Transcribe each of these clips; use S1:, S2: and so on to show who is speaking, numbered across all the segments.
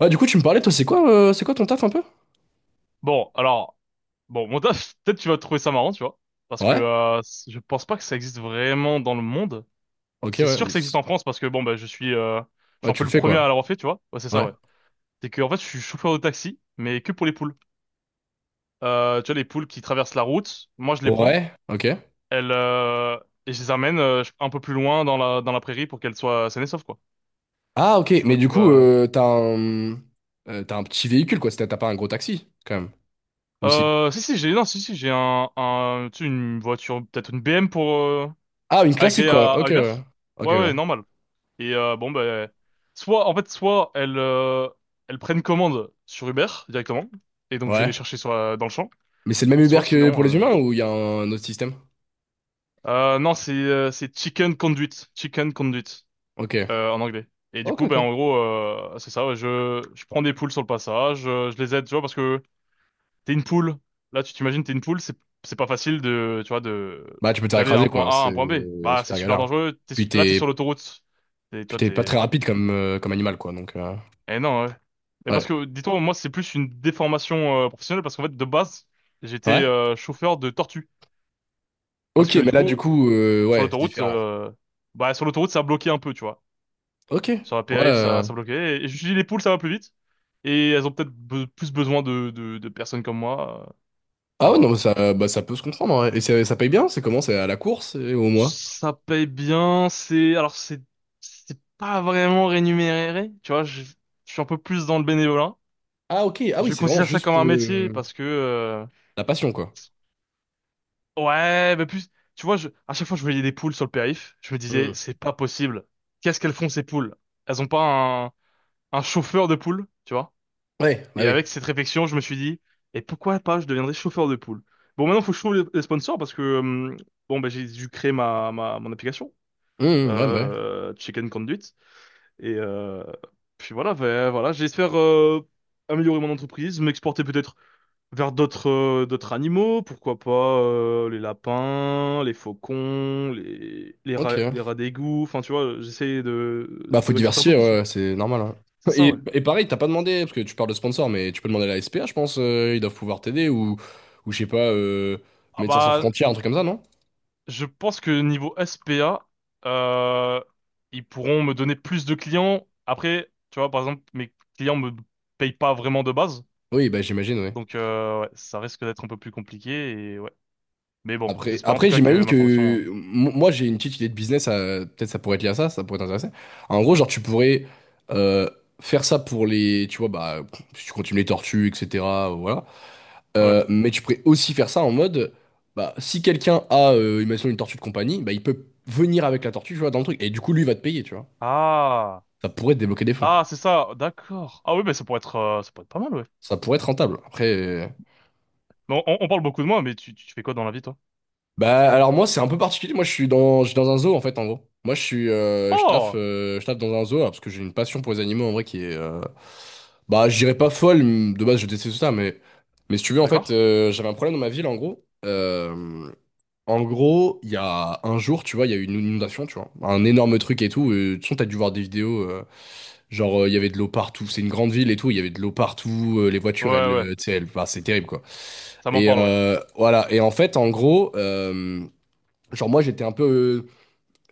S1: Ouais, du coup, tu me parlais, toi, c'est quoi ton taf un peu?
S2: Bon, alors, bon, mon taf, peut-être tu vas trouver ça marrant, tu vois, parce que
S1: Ouais.
S2: je pense pas que ça existe vraiment dans le monde.
S1: Ok,
S2: C'est
S1: ouais.
S2: sûr que ça existe en France parce que bon, bah, je
S1: Ouais,
S2: suis un
S1: tu
S2: peu
S1: le
S2: le
S1: fais
S2: premier à
S1: quoi?
S2: l'avoir fait, tu vois. Ouais, c'est ça,
S1: Ouais.
S2: ouais. C'est que en fait, je suis chauffeur de taxi, mais que pour les poules. Tu vois, les poules qui traversent la route, moi, je les prends,
S1: Ouais. Ok.
S2: elles, et je les amène un peu plus loin dans la prairie pour qu'elles soient saines et sauves, quoi.
S1: Ah, ok.
S2: Tu
S1: Mais
S2: vois,
S1: du
S2: tu
S1: coup,
S2: vois.
S1: t'as un petit véhicule quoi. T'as pas un gros taxi quand même. Ou si?
S2: Si, si, non, si, si, j'ai tu sais, une voiture, peut-être une BM pour
S1: Ah, une classique
S2: agréer à
S1: quoi.
S2: à
S1: Ok,
S2: Uber.
S1: ouais. Ok,
S2: Ouais,
S1: ouais.
S2: ouais, normal. Et bon, ben, soit, en fait, soit elles prennent commande sur Uber directement, et donc je vais les
S1: Ouais.
S2: chercher dans le champ,
S1: Mais c'est le même Uber
S2: soit
S1: que pour les
S2: sinon,
S1: humains ou il y a un autre système?
S2: non, c'est Chicken Conduit, Chicken Conduit
S1: Ok.
S2: en anglais. Et du
S1: Ok,
S2: coup, ben
S1: ok.
S2: en gros, c'est ça. Ouais, je prends des poules sur le passage, je les aide, tu vois, parce que t'es une poule. Là, tu t'imagines, t'es une poule, c'est pas facile de, tu vois, de
S1: Bah, tu peux te faire
S2: d'aller à
S1: écraser
S2: un point
S1: quoi.
S2: A à
S1: C'est
S2: un point B. Bah, c'est
S1: super
S2: super
S1: galère.
S2: dangereux. T'es,
S1: Puis
S2: là, t'es sur
S1: t'es,
S2: l'autoroute. Tu
S1: puis
S2: vois,
S1: t'es pas très
S2: t'es
S1: rapide comme, comme animal quoi. Donc
S2: eh non, ouais. Mais
S1: ouais.
S2: parce que, dis-toi, moi, c'est plus une déformation professionnelle parce qu'en fait, de base, j'étais
S1: Ouais.
S2: chauffeur de tortue. Parce
S1: Ok,
S2: que,
S1: mais
S2: du
S1: là du
S2: coup,
S1: coup,
S2: sur
S1: ouais, c'est
S2: l'autoroute,
S1: différent.
S2: euh, sur l'autoroute, ça bloquait un peu, tu vois.
S1: Ok.
S2: Sur la
S1: Ouais.
S2: périph', ça, ça bloquait. Et, je me suis dit, les poules, ça va plus vite. Et elles ont peut-être plus besoin de personnes comme moi.
S1: Ah
S2: Enfin,
S1: ouais, non,
S2: voilà.
S1: mais ça, bah, ça peut se comprendre, en vrai. Et ça paye bien? C'est comment? C'est à la course et au mois?
S2: Ça paye bien. Alors, c'est pas vraiment rémunéré, tu vois. Je suis un peu plus dans le bénévolat.
S1: Ah ok. Ah oui,
S2: Je
S1: c'est vraiment
S2: considère ça
S1: juste
S2: comme un
S1: pour
S2: métier
S1: le
S2: parce que.
S1: la passion, quoi.
S2: Ouais, mais plus, tu vois, à chaque fois que je voyais des poules sur le périph, je me
S1: Hmm.
S2: disais, c'est pas possible. Qu'est-ce qu'elles font ces poules? Elles ont pas un chauffeur de poules, tu vois?
S1: Ouais, bah
S2: Et
S1: oui.
S2: avec cette réflexion, je me suis dit, et pourquoi pas, je deviendrais chauffeur de poules. Bon, maintenant, faut que je trouve les sponsors parce que, bon, bah, j'ai dû créer mon application,
S1: Hmm, ouais, bah ouais.
S2: Chicken Conduit. Et, puis voilà, bah, voilà, j'espère, améliorer mon entreprise, m'exporter peut-être vers d'autres animaux, pourquoi pas les lapins, les faucons, les rats,
S1: Ok.
S2: les rats d'égout. Enfin, tu vois, j'essaie de
S1: Bah faut
S2: de m'exporter un peu
S1: diversifier,
S2: plus.
S1: ouais,
S2: Ouais.
S1: ouais, c'est normal, hein.
S2: C'est ça,
S1: Et,
S2: ouais.
S1: et pareil, t'as pas demandé, parce que tu parles de sponsor, mais tu peux demander à la SPA, je pense, ils doivent pouvoir t'aider, ou je sais pas,
S2: Ah
S1: Médecins sans
S2: bah,
S1: frontières, un truc comme ça, non?
S2: je pense que niveau SPA, euh, ils pourront me donner plus de clients. Après, tu vois, par exemple, mes clients me payent pas vraiment de base.
S1: Oui, bah j'imagine.
S2: Donc, ouais, ça risque d'être un peu plus compliqué et ouais. Mais bon,
S1: Après,
S2: j'espère en tout
S1: après
S2: cas que
S1: j'imagine
S2: ma
S1: que
S2: formation,
S1: moi j'ai une petite idée de business, peut-être ça pourrait être lié à ça, ça pourrait t'intéresser. En gros, genre tu pourrais euh, faire ça pour les, tu vois, bah si tu continues les tortues, etc. Voilà.
S2: ouais.
S1: Mais tu pourrais aussi faire ça en mode, bah si quelqu'un a, imaginons une tortue de compagnie, bah il peut venir avec la tortue, tu vois, dans le truc. Et du coup, lui va te payer, tu vois.
S2: Ah!
S1: Ça pourrait te débloquer des fonds.
S2: Ah, c'est ça, d'accord. Ah oui, mais ça pourrait être pas mal, ouais.
S1: Ça pourrait être rentable. Après.
S2: Mais on parle beaucoup de moi, mais tu fais quoi dans la vie, toi?
S1: Bah alors moi c'est un peu particulier, moi je suis dans un zoo en fait en gros. Moi je suis je taffe
S2: Oh,
S1: euh, je taffe dans un zoo alors, parce que j'ai une passion pour les animaux en vrai qui est bah je dirais pas folle, de base je déteste ça mais si tu veux en fait
S2: d'accord.
S1: j'avais un problème dans ma ville en gros. En gros, il y a un jour, tu vois, il y a eu une inondation, tu vois, un énorme truc et tout. De toute façon, t'as dû voir des vidéos, genre il y avait de l'eau partout. C'est une grande ville et tout, il y avait de l'eau partout. Les
S2: Ouais,
S1: voitures, elles,
S2: ouais,
S1: tu sais, elles, bah, c'est terrible quoi.
S2: ça m'en
S1: Et
S2: parle, ouais.
S1: euh, voilà. Et en fait, en gros, genre moi j'étais un peu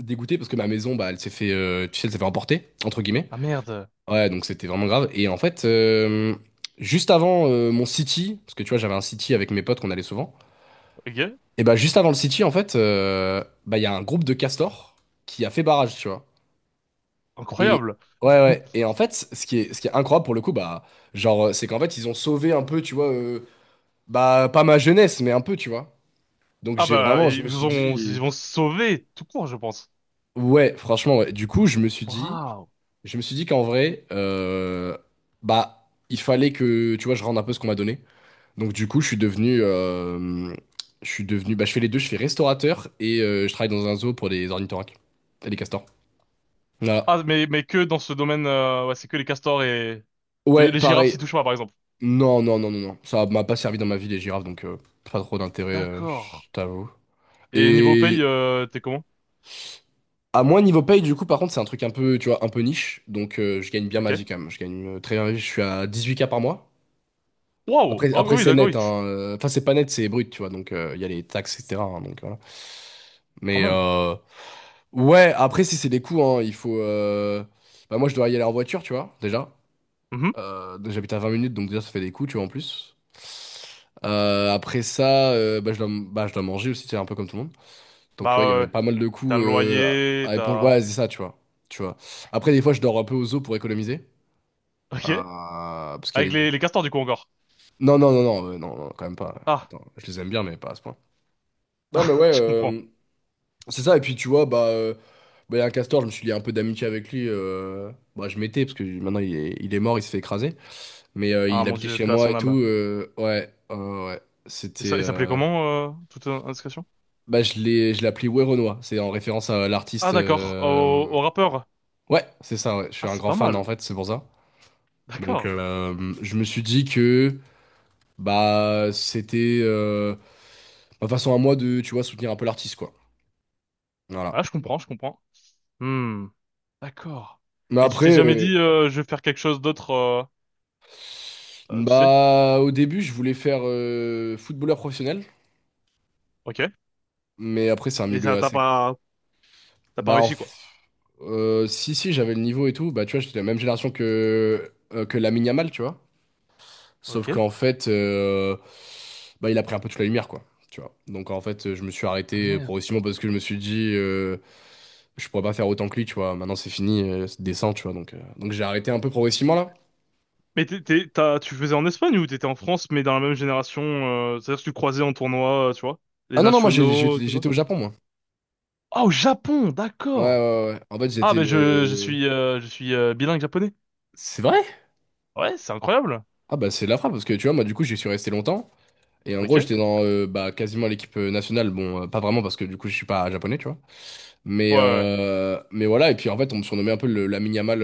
S1: dégoûté parce que ma maison bah elle s'est fait tu sais elle s'est fait emporter entre guillemets.
S2: Ah merde.
S1: Ouais donc c'était vraiment grave et en fait juste avant mon city parce que tu vois j'avais un city avec mes potes qu'on allait souvent
S2: Ok,
S1: et bah juste avant le city en fait bah il y a un groupe de castors qui a fait barrage tu vois. Et
S2: incroyable.
S1: ouais, ouais, et en fait ce qui est incroyable pour le coup bah genre c'est qu'en fait ils ont sauvé un peu tu vois bah pas ma jeunesse mais un peu tu vois. Donc
S2: Ah
S1: j'ai
S2: bah,
S1: vraiment je
S2: ils
S1: me suis
S2: vont, ils
S1: dit,
S2: vont se sauver tout court, je pense.
S1: ouais franchement ouais. Du coup je me suis dit
S2: Bravo.
S1: Je me suis dit qu'en vrai, bah, il fallait que, tu vois, je rende un peu ce qu'on m'a donné. Donc du coup, je suis devenu, bah, je fais les deux, je fais restaurateur et je travaille dans un zoo pour les ornithorynques et les castors. Voilà.
S2: Ah, mais que dans ce domaine, ouais, c'est que les castors et
S1: Ouais,
S2: les girafes
S1: pareil.
S2: s'y touchent pas, par exemple.
S1: Non, non, non, non, non. Ça m'a pas servi dans ma vie les girafes, donc pas trop d'intérêt,
S2: D'accord.
S1: je t'avoue.
S2: Et niveau paye,
S1: Et
S2: t'es comment?
S1: à moins niveau paye, du coup, par contre, c'est un truc un peu, tu vois, un peu niche. Donc je gagne bien
S2: Ok.
S1: ma vie quand même. Je gagne très bien ma vie. Je suis à 18K par mois.
S2: Waouh.
S1: Après
S2: Oh, oui,
S1: c'est
S2: d'accord,
S1: net,
S2: oui,
S1: hein. Enfin, c'est pas net, c'est brut, tu vois. Donc, il y a les taxes, etc., hein, donc, voilà.
S2: quand
S1: Mais
S2: même.
S1: ouais, après, si c'est des coûts, hein, il faut. Bah, moi, je dois y aller en voiture, tu vois, déjà.
S2: Mhm.
S1: Donc, j'habite à 20 minutes, donc déjà, ça fait des coûts, tu vois, en plus. Après ça, bah, je dois manger aussi, c'est un peu comme tout le monde. Donc, tu vois, il y
S2: Bah,
S1: avait
S2: ouais.
S1: pas mal de
S2: T'as
S1: coûts
S2: le
S1: à
S2: loyer,
S1: à éponger.
S2: t'as.
S1: Ouais, c'est ça, tu vois. Tu vois. Après, des fois, je dors un peu aux eaux pour économiser.
S2: Ok.
S1: Euh, Parce qu'il y a
S2: Avec les,
S1: des.
S2: les castors, du coup, encore.
S1: Non, non, non, non, non, non, quand même pas.
S2: Ah,
S1: Attends, je les aime bien, mais pas à ce point. Non, mais ouais,
S2: je comprends.
S1: c'est ça. Et puis, tu vois, bah, bah, il y a un castor, je me suis lié un peu d'amitié avec lui. Bah, je m'étais, parce que maintenant, il est mort, il s'est fait écraser. Mais
S2: Ah,
S1: il
S2: mon
S1: habitait
S2: Dieu,
S1: chez
S2: paix à
S1: moi
S2: son
S1: et tout.
S2: âme.
S1: Ouais, ouais. Ouais,
S2: Et ça,
S1: c'était.
S2: il s'appelait comment, toute indiscrétion?
S1: Bah, je l'ai appelé Werenoi. C'est en référence à
S2: Ah,
S1: l'artiste.
S2: d'accord. Au, au rappeur.
S1: Ouais, c'est ça, ouais. Je suis
S2: Ah,
S1: un
S2: c'est
S1: grand
S2: pas
S1: fan, en
S2: mal.
S1: fait, c'est pour ça. Donc,
S2: D'accord.
S1: euh, je me suis dit que, bah, c'était ma façon à moi de, tu vois, soutenir un peu l'artiste, quoi.
S2: Ah,
S1: Voilà.
S2: je comprends, je comprends. Hmm. D'accord.
S1: Mais
S2: Et tu t'es
S1: après.
S2: jamais dit, je vais faire quelque chose d'autre, tu sais?
S1: Bah, au début, je voulais faire footballeur professionnel,
S2: Ok.
S1: mais après, c'est un
S2: Et
S1: milieu
S2: ça, t'as
S1: assez.
S2: pas, t'as pas
S1: Bah,
S2: réussi, quoi.
S1: si, si, j'avais le niveau et tout. Bah, tu vois, j'étais de la même génération que, que Lamine Yamal, tu vois. Sauf
S2: Ok.
S1: qu'en fait, bah, il a pris un peu toute la lumière, quoi. Tu vois. Donc, en fait, je me suis
S2: Ah,
S1: arrêté
S2: merde.
S1: progressivement parce que je me suis dit, je pourrais pas faire autant que lui, tu vois. Maintenant, c'est fini, c'est décent, tu vois. Donc, j'ai arrêté un peu progressivement, là.
S2: Mais tu faisais en Espagne ou t'étais en France, mais dans la même génération, c'est-à-dire que tu croisais en tournoi, tu vois? Les
S1: Ah non, non, moi, j'ai-
S2: nationaux, et
S1: j'étais
S2: tout ça?
S1: j'étais au Japon, moi.
S2: Ah, au Japon,
S1: Ouais, ouais,
S2: d'accord.
S1: ouais. Ouais. En fait,
S2: Ah,
S1: j'étais
S2: mais je, je
S1: le.
S2: suis, euh, je suis euh, bilingue japonais.
S1: C'est vrai?
S2: Ouais, c'est incroyable.
S1: Ah bah, c'est de la frappe parce que tu vois, moi du coup j'y suis resté longtemps, et en
S2: Ok.
S1: gros j'étais dans bah, quasiment l'équipe nationale, bon, pas vraiment parce que du coup je suis pas japonais, tu vois, mais
S2: Ouais, ouais.
S1: euh, mais voilà. Et puis en fait on me surnommait un peu la mini-amal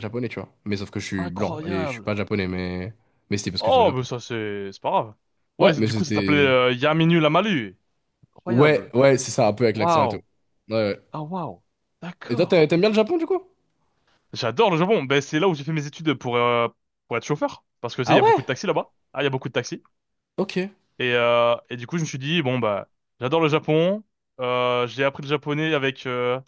S1: japonais, tu vois, mais sauf que je suis blanc et je suis pas
S2: Incroyable.
S1: japonais, mais c'était parce que j'étais au
S2: Oh, mais
S1: Japon.
S2: ça, c'est pas grave.
S1: Ouais,
S2: Ouais,
S1: mais
S2: du coup, ça s'appelait
S1: c'était,
S2: Yaminu Lamalu.
S1: ouais,
S2: Incroyable.
S1: ouais, c'est ça, un peu avec l'accent et tout.
S2: Waouh.
S1: Ouais, ouais.
S2: Ah, waouh.
S1: Et toi
S2: D'accord.
S1: t'aimes bien le Japon du coup?
S2: J'adore le Japon. Ben, c'est là où j'ai fait mes études pour être chauffeur. Parce que, tu sais, il
S1: Ah
S2: y a beaucoup de
S1: ouais,
S2: taxis là-bas. Ah, il y a beaucoup de taxis.
S1: ok.
S2: Et du coup, je me suis dit, bon, bah, j'adore le Japon. J'ai appris le japonais avec, euh,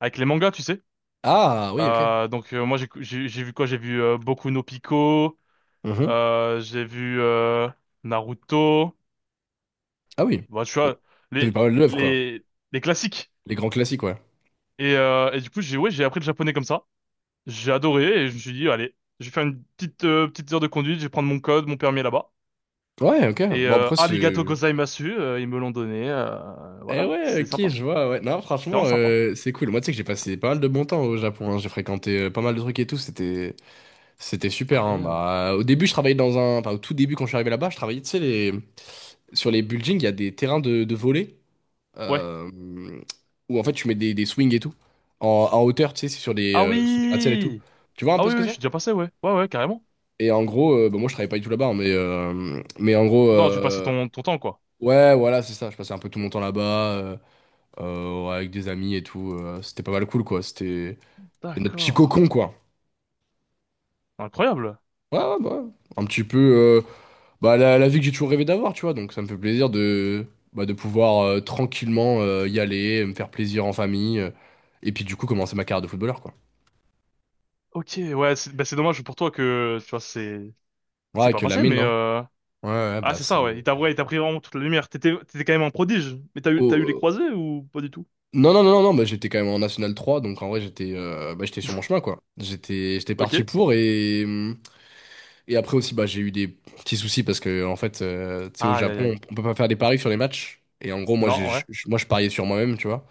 S2: avec les mangas, tu sais.
S1: Ah oui, ok.
S2: Donc, moi j'ai vu quoi? J'ai vu Boku no Pico,
S1: Mhm.
S2: j'ai vu Naruto,
S1: Ah oui.
S2: bah, tu
S1: Bon.
S2: vois
S1: T'as vu
S2: les
S1: pas mal d'œuvres quoi,
S2: les les classiques.
S1: les grands classiques, ouais.
S2: Et du coup j'ai ouais j'ai appris le japonais comme ça. J'ai adoré et je me suis dit allez je vais faire une petite heure de conduite, je vais prendre mon code, mon permis là-bas.
S1: Ouais, ok,
S2: Et
S1: bon, après
S2: arigato
S1: c'est.
S2: gozaimasu, ils me l'ont donné.
S1: Eh
S2: Voilà,
S1: ouais,
S2: c'est
S1: ok,
S2: sympa,
S1: je vois, ouais. Non,
S2: c'est vraiment
S1: franchement,
S2: sympa.
S1: c'est cool. Moi, tu sais que j'ai passé pas mal de bon temps au Japon, hein. J'ai fréquenté pas mal de trucs et tout, c'était super, hein.
S2: Incroyable.
S1: Bah, au début, je travaillais dans un. Enfin, au tout début, quand je suis arrivé là-bas, je travaillais, tu sais, les. Sur les buildings, il y a des terrains de, volley,
S2: Ouais.
S1: euh, où en fait, tu mets des, swings et tout, en, hauteur, tu sais, c'est sur des,
S2: Ah
S1: euh, sur des gratte-ciel et tout.
S2: oui,
S1: Tu vois un
S2: ah
S1: peu
S2: oui
S1: ce que
S2: oui je
S1: c'est?
S2: suis déjà passé ouais ouais ouais carrément.
S1: Et en gros, bah, moi, je travaillais pas du tout là-bas, hein, mais, mais en gros.
S2: Non tu passais ton temps quoi.
S1: Ouais, voilà, c'est ça. Je passais un peu tout mon temps là-bas. Ouais, avec des amis et tout. C'était pas mal cool, quoi. C'était notre petit
S2: D'accord.
S1: cocon, quoi.
S2: Incroyable.
S1: Ouais, ouais, bah, ouais. Un petit peu bah, la vie que j'ai toujours rêvé d'avoir, tu vois. Donc ça me fait plaisir de, bah, de pouvoir tranquillement y aller, me faire plaisir en famille. Et puis du coup, commencer ma carrière de footballeur, quoi.
S2: Ok, ouais, c'est bah, c'est dommage pour toi que, tu vois, c'est
S1: Ouais,
S2: pas
S1: que la
S2: passé,
S1: mine,
S2: mais.
S1: hein. Ouais, ouais,
S2: Ah,
S1: bah
S2: c'est
S1: c'est.
S2: ça, ouais. Il t'a ouais, il t'a pris vraiment toute la lumière. T'étais quand même un prodige. Mais t'as eu,
S1: Oh,
S2: t'as eu les croisés ou pas du tout?
S1: non, non, non, non, non, bah, j'étais quand même en National 3, donc en vrai, j'étais bah, j'étais sur mon chemin, quoi. J'étais
S2: Ok.
S1: parti pour Et après aussi, bah, j'ai eu des petits soucis parce que, en fait, tu sais, au
S2: Aïe, aïe, aïe.
S1: Japon, on peut pas faire des paris sur les matchs. Et en gros, moi,
S2: Non, ouais.
S1: je pariais sur moi-même, tu vois.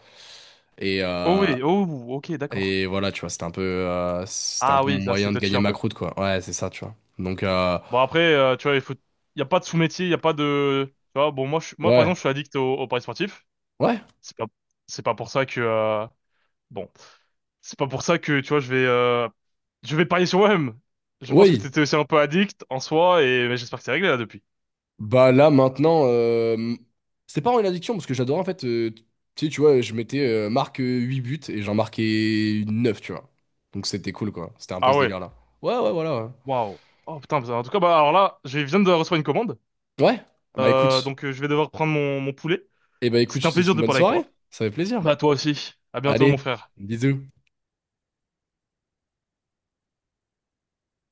S1: Et,
S2: Oh
S1: euh,
S2: oui, oh, ok, d'accord.
S1: et voilà, tu vois, c'était un peu, euh, c'était un
S2: Ah
S1: peu mon
S2: oui, ça, c'est
S1: moyen de
S2: touchy
S1: gagner
S2: un
S1: ma
S2: peu.
S1: croûte, quoi. Ouais, c'est ça, tu vois. Donc,
S2: Bon, après, tu vois, il faut. Il y a pas de sous-métier, il y a pas de. Tu vois, bon, moi, moi par
S1: ouais,
S2: exemple, je suis addict au paris sportif.
S1: ouais,
S2: C'est pas... C'est pas pour ça que. Bon, c'est pas pour ça que, tu vois, je vais parier sur moi-même. Je pense que
S1: oui.
S2: t'étais aussi un peu addict en soi et mais j'espère que c'est réglé là depuis.
S1: Bah là, maintenant, c'était pas vraiment une addiction parce que j'adorais, en fait, tu sais, tu vois, je mettais marque 8 buts et j'en marquais 9 tu vois. Donc, c'était cool, quoi. C'était un peu
S2: Ah
S1: ce
S2: ouais,
S1: délire-là. Ouais, ouais, voilà, ouais.
S2: waouh. Oh putain, en tout cas, bah alors là, je viens de recevoir une commande,
S1: Ouais. Bah écoute.
S2: donc je vais devoir prendre mon poulet.
S1: Eh ben écoute,
S2: C'est
S1: je
S2: un
S1: te souhaite
S2: plaisir
S1: une
S2: de
S1: bonne
S2: parler avec
S1: soirée.
S2: toi.
S1: Ça fait
S2: Bah
S1: plaisir.
S2: toi aussi. À bientôt,
S1: Allez,
S2: mon frère.
S1: bisous.